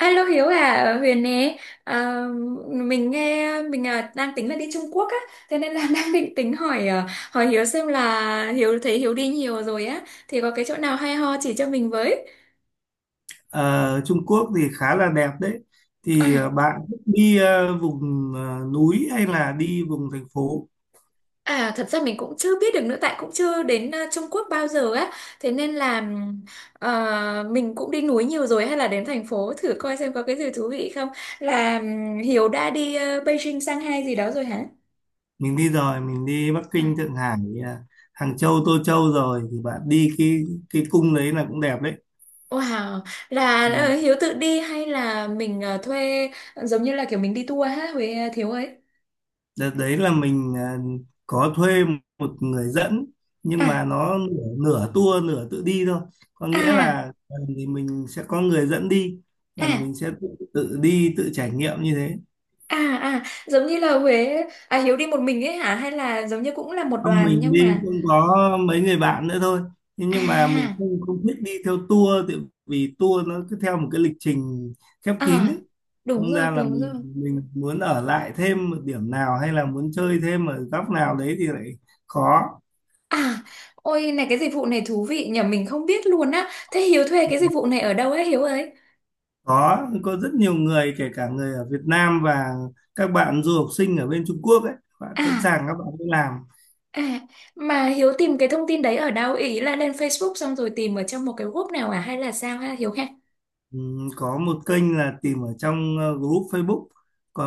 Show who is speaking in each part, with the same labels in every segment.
Speaker 1: Alo Hiếu à, Huyền nè, à, mình nghe mình à, đang tính là đi Trung Quốc á, thế nên là đang định tính hỏi Hiếu xem là Hiếu thấy Hiếu đi nhiều rồi á, thì có cái chỗ nào hay ho chỉ cho mình với.
Speaker 2: Ờ, Trung Quốc thì khá là đẹp đấy. Thì
Speaker 1: À,
Speaker 2: bạn thích đi vùng núi hay là đi vùng thành phố?
Speaker 1: à thật ra mình cũng chưa biết được nữa, tại cũng chưa đến à, Trung Quốc bao giờ á, thế nên là à, mình cũng đi núi nhiều rồi hay là đến thành phố thử coi xem có cái gì thú vị không. Là Hiếu đã đi à, Beijing, Shanghai gì đó rồi hả?
Speaker 2: Mình đi rồi, mình đi Bắc
Speaker 1: À.
Speaker 2: Kinh, Thượng Hải, ờ, Hàng Châu, Tô Châu rồi. Thì bạn đi cái cung đấy là cũng đẹp đấy.
Speaker 1: Wow, là
Speaker 2: Ừ.
Speaker 1: Hiếu tự đi hay là mình thuê giống như là kiểu mình đi tour ha Huế Thiếu ấy.
Speaker 2: Đợt đấy là mình có thuê một người dẫn, nhưng
Speaker 1: À,
Speaker 2: mà nó nửa tour nửa tự đi thôi. Có nghĩa
Speaker 1: à,
Speaker 2: là thì mình sẽ có người dẫn đi, còn
Speaker 1: à,
Speaker 2: mình sẽ tự đi, tự trải nghiệm như thế.
Speaker 1: à, à, giống như là Huế à Hiếu đi một mình ấy hả hay là giống như cũng là một
Speaker 2: Không,
Speaker 1: đoàn
Speaker 2: mình
Speaker 1: nhưng
Speaker 2: đi
Speaker 1: mà
Speaker 2: cũng có mấy người bạn nữa thôi, thế nhưng mà mình
Speaker 1: à,
Speaker 2: không không thích đi theo tour, tại vì tour nó cứ theo một cái lịch trình khép kín
Speaker 1: à,
Speaker 2: ấy.
Speaker 1: đúng
Speaker 2: Thành
Speaker 1: rồi,
Speaker 2: ra là
Speaker 1: đúng
Speaker 2: mình
Speaker 1: rồi.
Speaker 2: mình muốn ở lại thêm một điểm nào hay là muốn chơi thêm ở góc nào đấy thì lại khó.
Speaker 1: À, ôi này cái dịch vụ này thú vị nhờ mình không biết luôn á. Thế Hiếu thuê cái dịch vụ này ở đâu ấy Hiếu ấy?
Speaker 2: Có rất nhiều người, kể cả người ở Việt Nam và các bạn du học sinh ở bên Trung Quốc ấy, bạn sẵn
Speaker 1: À,
Speaker 2: sàng, các bạn đi làm.
Speaker 1: à, mà Hiếu tìm cái thông tin đấy ở đâu? Ý là lên Facebook xong rồi tìm ở trong một cái group nào à hay là sao ha Hiếu ha?
Speaker 2: Có một kênh là tìm ở trong group Facebook,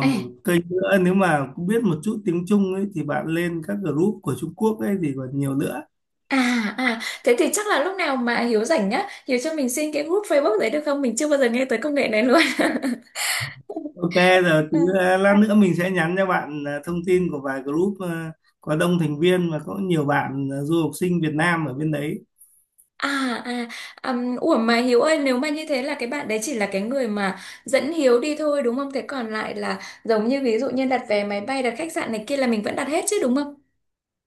Speaker 1: À.
Speaker 2: một kênh nữa, nếu mà cũng biết một chút tiếng Trung ấy thì bạn lên các group của Trung Quốc ấy thì còn nhiều nữa.
Speaker 1: À, à, thế thì chắc là lúc nào mà Hiếu rảnh nhá, Hiếu cho mình xin cái group Facebook đấy được không? Mình chưa bao giờ nghe tới công nghệ này luôn.
Speaker 2: Ok, giờ
Speaker 1: Ừ.
Speaker 2: tí lát nữa mình sẽ nhắn cho bạn thông tin của vài group có đông thành viên và có nhiều bạn du học sinh Việt Nam ở bên đấy.
Speaker 1: À, à, ủa mà Hiếu ơi, nếu mà như thế là cái bạn đấy chỉ là cái người mà dẫn Hiếu đi thôi đúng không? Thế còn lại là giống như ví dụ như đặt vé máy bay, đặt khách sạn này kia là mình vẫn đặt hết chứ đúng không?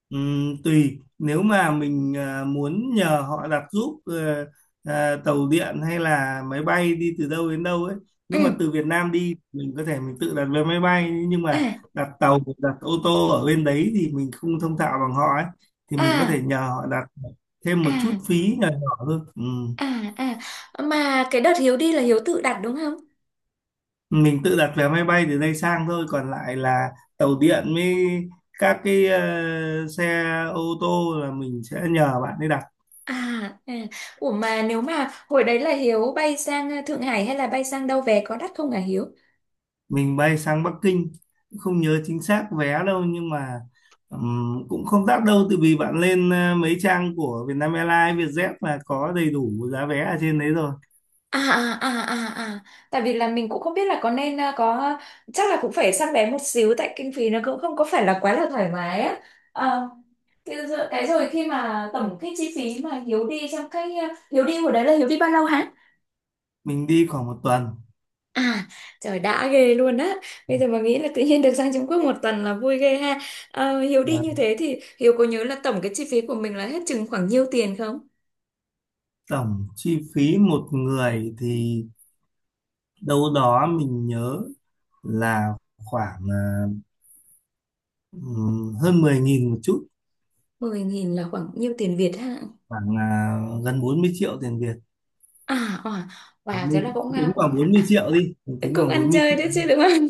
Speaker 2: Tùy, nếu mà mình à, muốn nhờ họ đặt giúp tàu điện hay là máy bay đi từ đâu đến đâu ấy. Nếu
Speaker 1: Ừ,
Speaker 2: mà từ Việt Nam đi, mình có thể mình tự đặt vé máy bay, nhưng mà
Speaker 1: à,
Speaker 2: đặt tàu, đặt ô tô ở bên đấy thì mình không thông thạo bằng họ ấy thì mình có thể
Speaker 1: à,
Speaker 2: nhờ họ đặt, thêm một chút
Speaker 1: à,
Speaker 2: phí nhỏ nhỏ thôi.
Speaker 1: à, à. Mà cái đợt Hiếu đi là Hiếu tự đặt đúng không?
Speaker 2: Mình tự đặt vé máy bay từ đây sang thôi, còn lại là tàu điện với các cái xe ô tô là mình sẽ nhờ bạn ấy đặt.
Speaker 1: À, à, ủa mà nếu mà hồi đấy là Hiếu bay sang Thượng Hải hay là bay sang đâu về có đắt không hả Hiếu?
Speaker 2: Mình bay sang Bắc Kinh, không nhớ chính xác vé đâu nhưng mà cũng không đắt đâu, tại vì bạn lên mấy trang của Vietnam Airlines, Vietjet là có đầy đủ giá vé ở trên đấy rồi.
Speaker 1: À, à, à, à, à, tại vì là mình cũng không biết là có nên có, chắc là cũng phải săn vé một xíu tại kinh phí nó cũng không có phải là quá là thoải mái á. Ờ, cái rồi khi mà tổng cái chi phí mà Hiếu đi trong Hiếu đi hồi đấy là Hiếu đi bao lâu hả?
Speaker 2: Mình đi khoảng một tuần.
Speaker 1: À, trời đã ghê luôn á. Bây giờ mà nghĩ là tự nhiên được sang Trung Quốc một tuần là vui ghê ha. Ờ, Hiếu đi
Speaker 2: Và
Speaker 1: như thế thì Hiếu có nhớ là tổng cái chi phí của mình là hết chừng khoảng nhiêu tiền không?
Speaker 2: tổng chi phí một người thì đâu đó mình nhớ là khoảng hơn 10.000 một chút,
Speaker 1: 10.000 là khoảng nhiêu tiền Việt ha?
Speaker 2: khoảng gần 40 triệu tiền Việt.
Speaker 1: À, à, wow, thế là
Speaker 2: Mình tính khoảng 40 triệu đi, mình tính
Speaker 1: cũng
Speaker 2: khoảng
Speaker 1: ăn
Speaker 2: bốn mươi
Speaker 1: chơi
Speaker 2: triệu
Speaker 1: đấy chứ đúng không?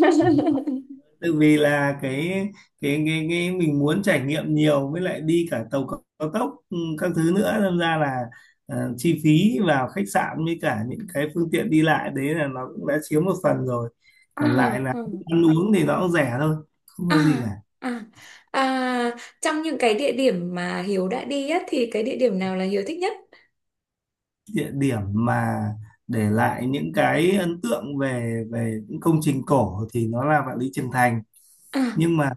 Speaker 2: Tại vì là cái mình muốn trải nghiệm nhiều, với lại đi cả tàu cao cao tốc, ừ, các thứ nữa, nên ra là ờ, chi phí vào khách sạn với cả những cái phương tiện đi lại đấy là nó cũng đã chiếm một phần rồi,
Speaker 1: À,
Speaker 2: còn lại là
Speaker 1: ừ.
Speaker 2: ăn uống thì nó cũng rẻ thôi, không
Speaker 1: À,
Speaker 2: có gì cả.
Speaker 1: à, à, trong những cái địa điểm mà Hiếu đã đi á thì cái địa điểm nào là Hiếu thích nhất?
Speaker 2: Địa điểm mà để lại những cái ấn tượng về về những công trình cổ thì nó là Vạn Lý Trường Thành,
Speaker 1: À,
Speaker 2: nhưng mà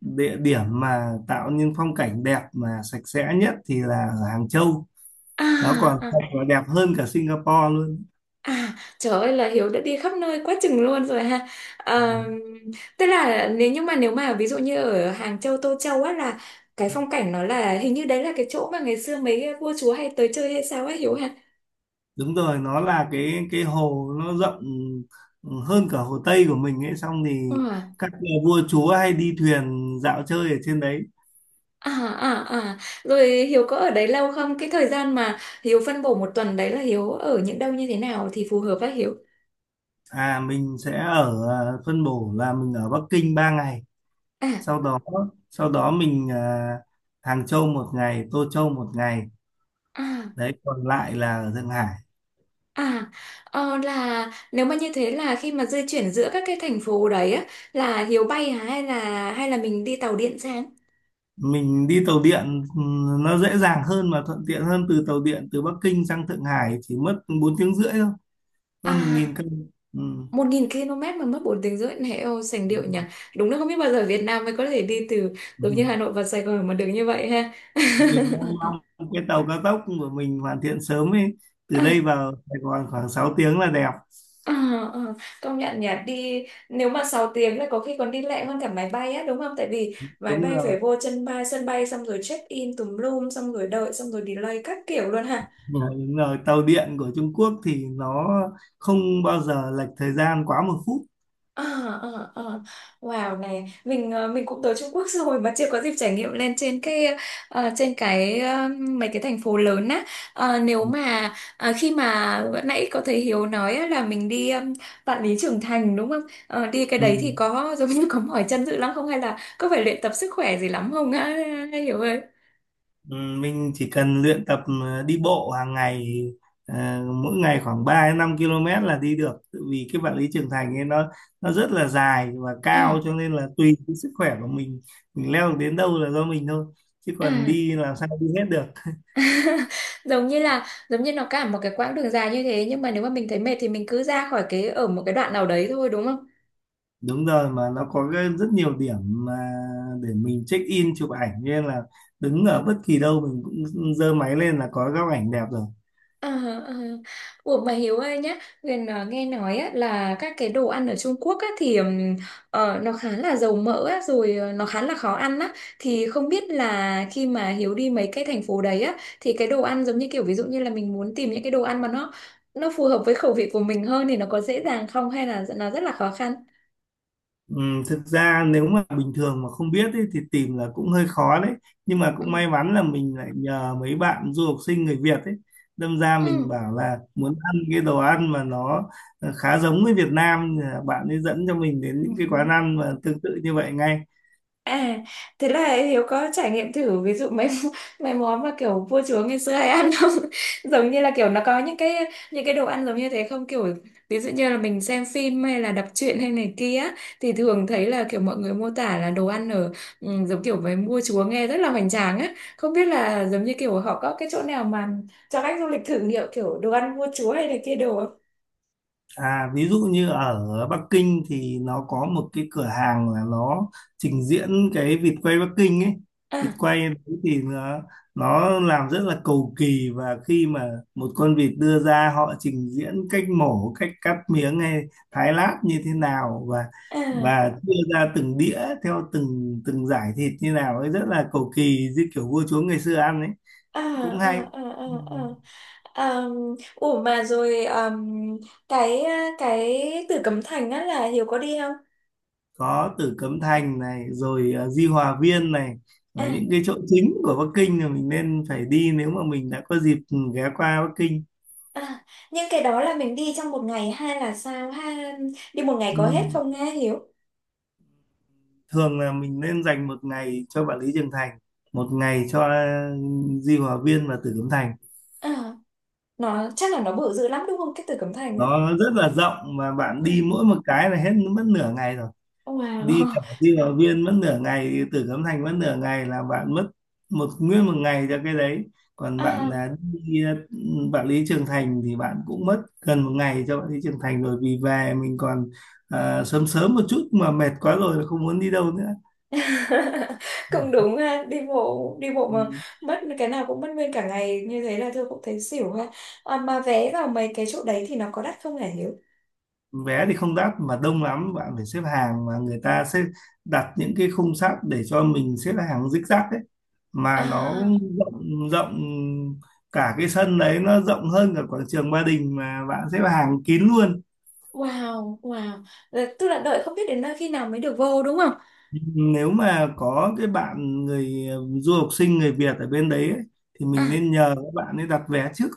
Speaker 2: địa điểm mà tạo nên phong cảnh đẹp mà sạch sẽ nhất thì là ở Hàng Châu, nó
Speaker 1: à,
Speaker 2: còn
Speaker 1: à.
Speaker 2: thật và đẹp hơn cả Singapore luôn.
Speaker 1: À, trời ơi là Hiếu đã đi khắp nơi quá chừng luôn rồi ha.
Speaker 2: Ừ,
Speaker 1: À, tức là nhưng mà nếu mà ví dụ như ở Hàng Châu, Tô Châu á là cái phong cảnh nó là hình như đấy là cái chỗ mà ngày xưa mấy vua chúa hay tới chơi hay sao á Hiếu ha.
Speaker 2: đúng rồi, nó là cái hồ nó rộng, ừ, hơn cả hồ Tây của mình ấy, xong thì
Speaker 1: Ờ,
Speaker 2: các nhà vua chúa hay đi thuyền dạo chơi ở trên đấy.
Speaker 1: à, à, à. Rồi Hiếu có ở đấy lâu không? Cái thời gian mà Hiếu phân bổ một tuần đấy là Hiếu ở những đâu như thế nào thì phù hợp với Hiếu?
Speaker 2: À mình sẽ ở, à, phân bổ là mình ở Bắc Kinh 3 ngày,
Speaker 1: À,
Speaker 2: sau đó, sau đó mình à, Hàng Châu một ngày, Tô Châu một ngày,
Speaker 1: à.
Speaker 2: đấy, còn lại là ở Thượng Hải.
Speaker 1: À, ờ, là nếu mà như thế là khi mà di chuyển giữa các cái thành phố đấy á, là Hiếu bay hả hay là mình đi tàu điện sang?
Speaker 2: Mình đi tàu điện, ừ, nó dễ dàng hơn mà thuận tiện hơn, từ tàu điện từ Bắc Kinh sang Thượng Hải chỉ mất 4 tiếng rưỡi thôi, hơn một
Speaker 1: À,
Speaker 2: nghìn cân ừ.
Speaker 1: 1.000 km mà mất 4 tiếng rưỡi này, ô sành điệu
Speaker 2: Đúng
Speaker 1: nhỉ.
Speaker 2: rồi.
Speaker 1: Đúng là không biết bao giờ Việt Nam mới có thể đi từ
Speaker 2: Ừ.
Speaker 1: giống như Hà Nội vào Sài Gòn mà được như vậy ha.
Speaker 2: Mình đang mong cái tàu cao tốc của mình hoàn thiện sớm ấy, từ đây
Speaker 1: À,
Speaker 2: vào Sài Gòn khoảng 6 tiếng là đẹp.
Speaker 1: à, à, công nhận nhỉ, đi nếu mà 6 tiếng là có khi còn đi lẹ hơn cả máy bay á, đúng không? Tại vì máy
Speaker 2: Đúng
Speaker 1: bay
Speaker 2: rồi.
Speaker 1: phải vô sân bay xong rồi check in tùm lum xong rồi đợi xong rồi delay các kiểu luôn ha.
Speaker 2: Ừ, đúng rồi, tàu điện của Trung Quốc thì nó không bao giờ lệch thời gian quá một phút.
Speaker 1: Ờ, ờ, ờ. Wow này mình cũng tới Trung Quốc rồi mà chưa có dịp trải nghiệm lên trên mấy cái thành phố lớn á. Ờ, nếu mà khi mà vừa nãy có thấy Hiếu nói á, là mình đi Vạn Lý Trường Thành đúng không? Ờ, đi cái
Speaker 2: Ừ.
Speaker 1: đấy thì có giống như có mỏi chân dữ lắm không hay là có phải luyện tập sức khỏe gì lắm không á Hiếu ơi
Speaker 2: Ừ, mình chỉ cần luyện tập đi bộ hàng ngày, ờ, mỗi ngày khoảng ba đến 5 km là đi được. Tại vì cái vật lý trưởng thành ấy nó rất là dài và
Speaker 1: à,
Speaker 2: cao, cho nên là tùy cái sức khỏe của mình leo được đến đâu là do mình thôi, chứ còn
Speaker 1: à.
Speaker 2: đi làm sao đi hết được.
Speaker 1: Giống như nó cả một cái quãng đường dài như thế nhưng mà nếu mà mình thấy mệt thì mình cứ ra khỏi cái ở một cái đoạn nào đấy thôi đúng không?
Speaker 2: Đúng rồi, mà nó có rất nhiều điểm mà để mình check in chụp ảnh, nên là đứng ở bất kỳ đâu mình cũng giơ máy lên là có góc ảnh đẹp rồi.
Speaker 1: À, à. Ủa mà Hiếu ơi nhá, Huyền nghe nói á, là các cái đồ ăn ở Trung Quốc á, thì nó khá là dầu mỡ á, rồi nó khá là khó ăn á. Thì không biết là khi mà Hiếu đi mấy cái thành phố đấy á, thì cái đồ ăn giống như kiểu ví dụ như là mình muốn tìm những cái đồ ăn mà nó phù hợp với khẩu vị của mình hơn thì nó có dễ dàng không hay là nó rất là khó khăn?
Speaker 2: Thực ra nếu mà bình thường mà không biết ấy, thì tìm là cũng hơi khó đấy, nhưng mà cũng
Speaker 1: Ừ.
Speaker 2: may mắn là mình lại nhờ mấy bạn du học sinh người Việt ấy, đâm ra mình bảo là muốn ăn cái đồ ăn mà nó khá giống với Việt Nam thì là bạn ấy dẫn cho mình đến
Speaker 1: Ừ.
Speaker 2: những cái quán ăn mà tương tự như vậy ngay.
Speaker 1: À, thế là Hiếu có trải nghiệm thử ví dụ mấy mấy món mà kiểu vua chúa ngày xưa hay ăn không? Giống như là kiểu nó có những cái đồ ăn giống như thế không? Kiểu ví dụ như là mình xem phim hay là đọc truyện hay này kia á, thì thường thấy là kiểu mọi người mô tả là đồ ăn ở giống kiểu với vua chúa nghe rất là hoành tráng á. Không biết là giống như kiểu họ có cái chỗ nào mà cho khách du lịch thử nghiệm kiểu đồ ăn vua chúa hay là kia đồ không?
Speaker 2: À, ví dụ như ở Bắc Kinh thì nó có một cái cửa hàng là nó trình diễn cái vịt quay Bắc Kinh ấy. Vịt
Speaker 1: À,
Speaker 2: quay đấy thì nó làm rất là cầu kỳ, và khi mà một con vịt đưa ra họ trình diễn cách mổ, cách cắt miếng hay thái lát như thế nào,
Speaker 1: à.
Speaker 2: và đưa ra từng đĩa theo từng từng giải thịt như nào ấy, rất là cầu kỳ như kiểu vua chúa ngày xưa ăn ấy,
Speaker 1: À,
Speaker 2: cũng hay.
Speaker 1: à, à, à,
Speaker 2: Ừ.
Speaker 1: à, à, ủa mà rồi à, cái cái Tử Cấm Thành á là Hiếu có đi không?
Speaker 2: Có Tử Cấm Thành này rồi Di Hòa Viên này, là
Speaker 1: À,
Speaker 2: những cái chỗ chính của Bắc Kinh mà mình nên phải đi nếu mà mình đã có dịp ghé qua Bắc Kinh.
Speaker 1: à, nhưng cái đó là mình đi trong một ngày hay là sao ha, đi một ngày có hết
Speaker 2: Ừ,
Speaker 1: không nghe Hiếu?
Speaker 2: thường là mình nên dành một ngày cho Vạn Lý Trường Thành, một ngày cho Di Hòa Viên và Tử Cấm Thành.
Speaker 1: À, nó chắc là nó bự dữ lắm đúng không cái Tử Cấm Thành á?
Speaker 2: Nó rất là rộng, mà bạn
Speaker 1: Ừ.
Speaker 2: đi mỗi một cái là hết mất nửa ngày rồi. Đi
Speaker 1: Wow.
Speaker 2: cả đi vào viên mất nửa ngày, từ Cấm Thành mất nửa ngày, là bạn mất một nguyên một ngày cho cái đấy. Còn bạn
Speaker 1: À.
Speaker 2: là đi Vạn Lý Trường Thành thì bạn cũng mất gần một ngày cho Vạn Lý Trường Thành rồi, vì về mình còn sớm sớm một chút mà mệt quá rồi là không muốn đi đâu nữa.
Speaker 1: Cũng đúng ha, đi bộ mà
Speaker 2: Ừ.
Speaker 1: mất cái nào cũng mất nguyên cả ngày như thế là tôi cũng thấy xỉu ha. À, mà vé vào mấy cái chỗ đấy thì nó có đắt không hả Hiếu?
Speaker 2: Vé thì không đắt mà đông lắm, bạn phải xếp hàng, mà người ta sẽ đặt những cái khung sắt để cho mình xếp hàng zigzag ấy, mà nó
Speaker 1: À,
Speaker 2: rộng rộng, cả cái sân đấy nó rộng hơn cả quảng trường Ba Đình mà bạn xếp hàng kín luôn.
Speaker 1: wow, wow. Tức là đợi không biết đến nơi khi nào mới được vô đúng không?
Speaker 2: Nếu mà có cái bạn người du học sinh người Việt ở bên đấy ấy, thì mình
Speaker 1: À,
Speaker 2: nên nhờ các bạn ấy đặt vé trước.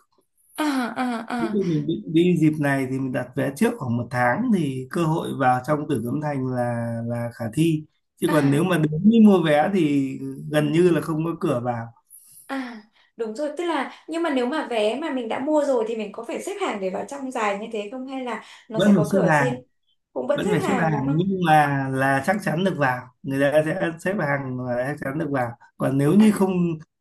Speaker 1: à, à,
Speaker 2: Nếu
Speaker 1: à,
Speaker 2: như mình định đi dịp này thì mình đặt vé trước khoảng một tháng thì cơ hội vào trong Tử Cấm Thành là khả thi, chứ còn nếu
Speaker 1: à,
Speaker 2: mà đến đi mua vé thì gần như là không có cửa vào.
Speaker 1: à. Đúng rồi, tức là nhưng mà nếu mà vé mà mình đã mua rồi thì mình có phải xếp hàng để vào trong dài như thế không hay là nó
Speaker 2: Vẫn
Speaker 1: sẽ
Speaker 2: phải
Speaker 1: có
Speaker 2: xếp
Speaker 1: cửa
Speaker 2: hàng.
Speaker 1: riêng? Cũng vẫn
Speaker 2: Vẫn
Speaker 1: xếp
Speaker 2: phải xếp
Speaker 1: hàng đúng
Speaker 2: hàng
Speaker 1: không?
Speaker 2: nhưng mà là chắc chắn được vào, người ta sẽ xếp hàng và chắc chắn được vào, còn nếu
Speaker 1: À.
Speaker 2: như không,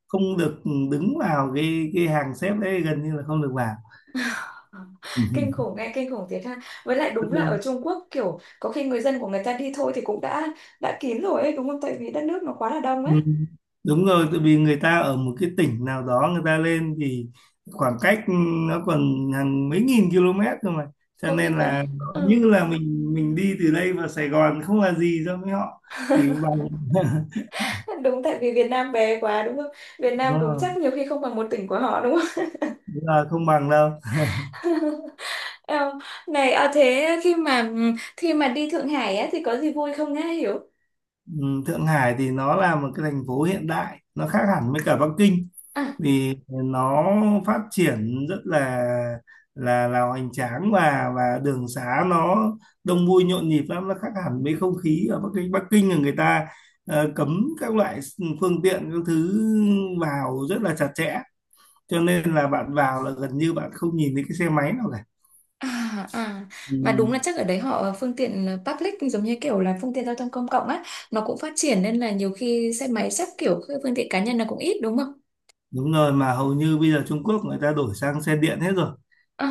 Speaker 2: không được đứng vào cái hàng xếp đấy gần như là không được vào.
Speaker 1: Kinh khủng nghe, kinh khủng thiệt ha. Với lại
Speaker 2: Rất
Speaker 1: đúng là
Speaker 2: đông.
Speaker 1: ở Trung Quốc kiểu có khi người dân của người ta đi thôi thì cũng đã kín rồi ấy đúng không? Tại vì đất nước nó quá là đông
Speaker 2: Ừ,
Speaker 1: ấy.
Speaker 2: đúng rồi, tại vì người ta ở một cái tỉnh nào đó người ta lên thì khoảng cách nó còn hàng mấy nghìn km cơ mà, cho
Speaker 1: Có khi
Speaker 2: nên
Speaker 1: có
Speaker 2: là nó
Speaker 1: ừ.
Speaker 2: như là mình đi từ đây vào Sài Gòn không là gì so với họ, chỉ bằng
Speaker 1: Đúng tại vì Việt Nam bé quá đúng không? Việt Nam
Speaker 2: đúng
Speaker 1: đúng
Speaker 2: là,
Speaker 1: chắc nhiều khi không bằng một tỉnh của họ đúng không?
Speaker 2: đúng là không bằng đâu.
Speaker 1: Ờ, này à, thế khi mà đi Thượng Hải á, thì có gì vui không nghe hiểu?
Speaker 2: Ừ, Thượng Hải thì nó là một cái thành phố hiện đại, nó khác hẳn với cả Bắc Kinh,
Speaker 1: À,
Speaker 2: vì nó phát triển rất là hoành tráng, và đường xá nó đông vui nhộn nhịp lắm, nó khác hẳn với không khí ở Bắc Kinh. Bắc Kinh là người ta cấm các loại phương tiện các thứ vào rất là chặt chẽ, cho nên là bạn vào là gần như bạn không nhìn thấy cái xe máy nào cả.
Speaker 1: à, à.
Speaker 2: Ừ,
Speaker 1: Mà đúng là chắc ở đấy họ phương tiện public giống như kiểu là phương tiện giao thông công cộng á, nó cũng phát triển nên là nhiều khi xe máy chắc kiểu cái phương tiện cá nhân là cũng ít đúng không?
Speaker 2: đúng rồi, mà hầu như bây giờ Trung Quốc người ta đổi sang xe điện hết rồi,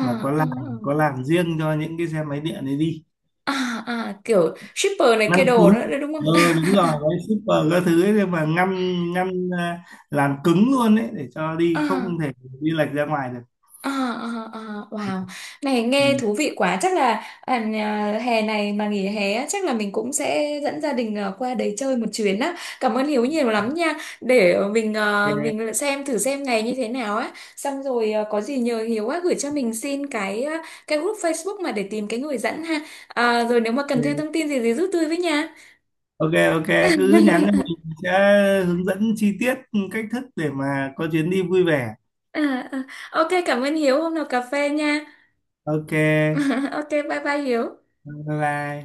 Speaker 2: mà có
Speaker 1: à,
Speaker 2: làn có làn riêng cho những cái xe máy điện ấy đi.
Speaker 1: à, à, à, kiểu shipper này
Speaker 2: Ngâm
Speaker 1: kia đồ
Speaker 2: cứng,
Speaker 1: nữa đấy đúng không?
Speaker 2: ừ, đúng rồi, gói super các thứ ấy, nhưng mà ngâm ngâm à, làm cứng luôn đấy để cho đi
Speaker 1: À,
Speaker 2: không thể đi lệch ra ngoài được.
Speaker 1: à, à, à, wow, này nghe
Speaker 2: Ừ.
Speaker 1: thú vị quá. Chắc là à, hè này mà nghỉ hè á, chắc là mình cũng sẽ dẫn gia đình à, qua đấy chơi một chuyến á. Cảm ơn Hiếu nhiều lắm nha. Để mình à,
Speaker 2: Ok.
Speaker 1: mình lại xem thử xem ngày như thế nào á. Xong rồi à, có gì nhờ Hiếu á gửi cho mình xin cái group Facebook mà để tìm cái người dẫn ha. À, rồi nếu mà cần thêm thông tin gì thì giúp tôi với nha.
Speaker 2: Ok, ok, ok, cứ nhắn cho mình sẽ hướng dẫn chi tiết cách thức để mà có chuyến đi vui vẻ.
Speaker 1: À, à, ok, cảm ơn Hiếu. Hôm nào cà phê nha.
Speaker 2: Ok,
Speaker 1: Ok, bye bye Hiếu.
Speaker 2: bye bye.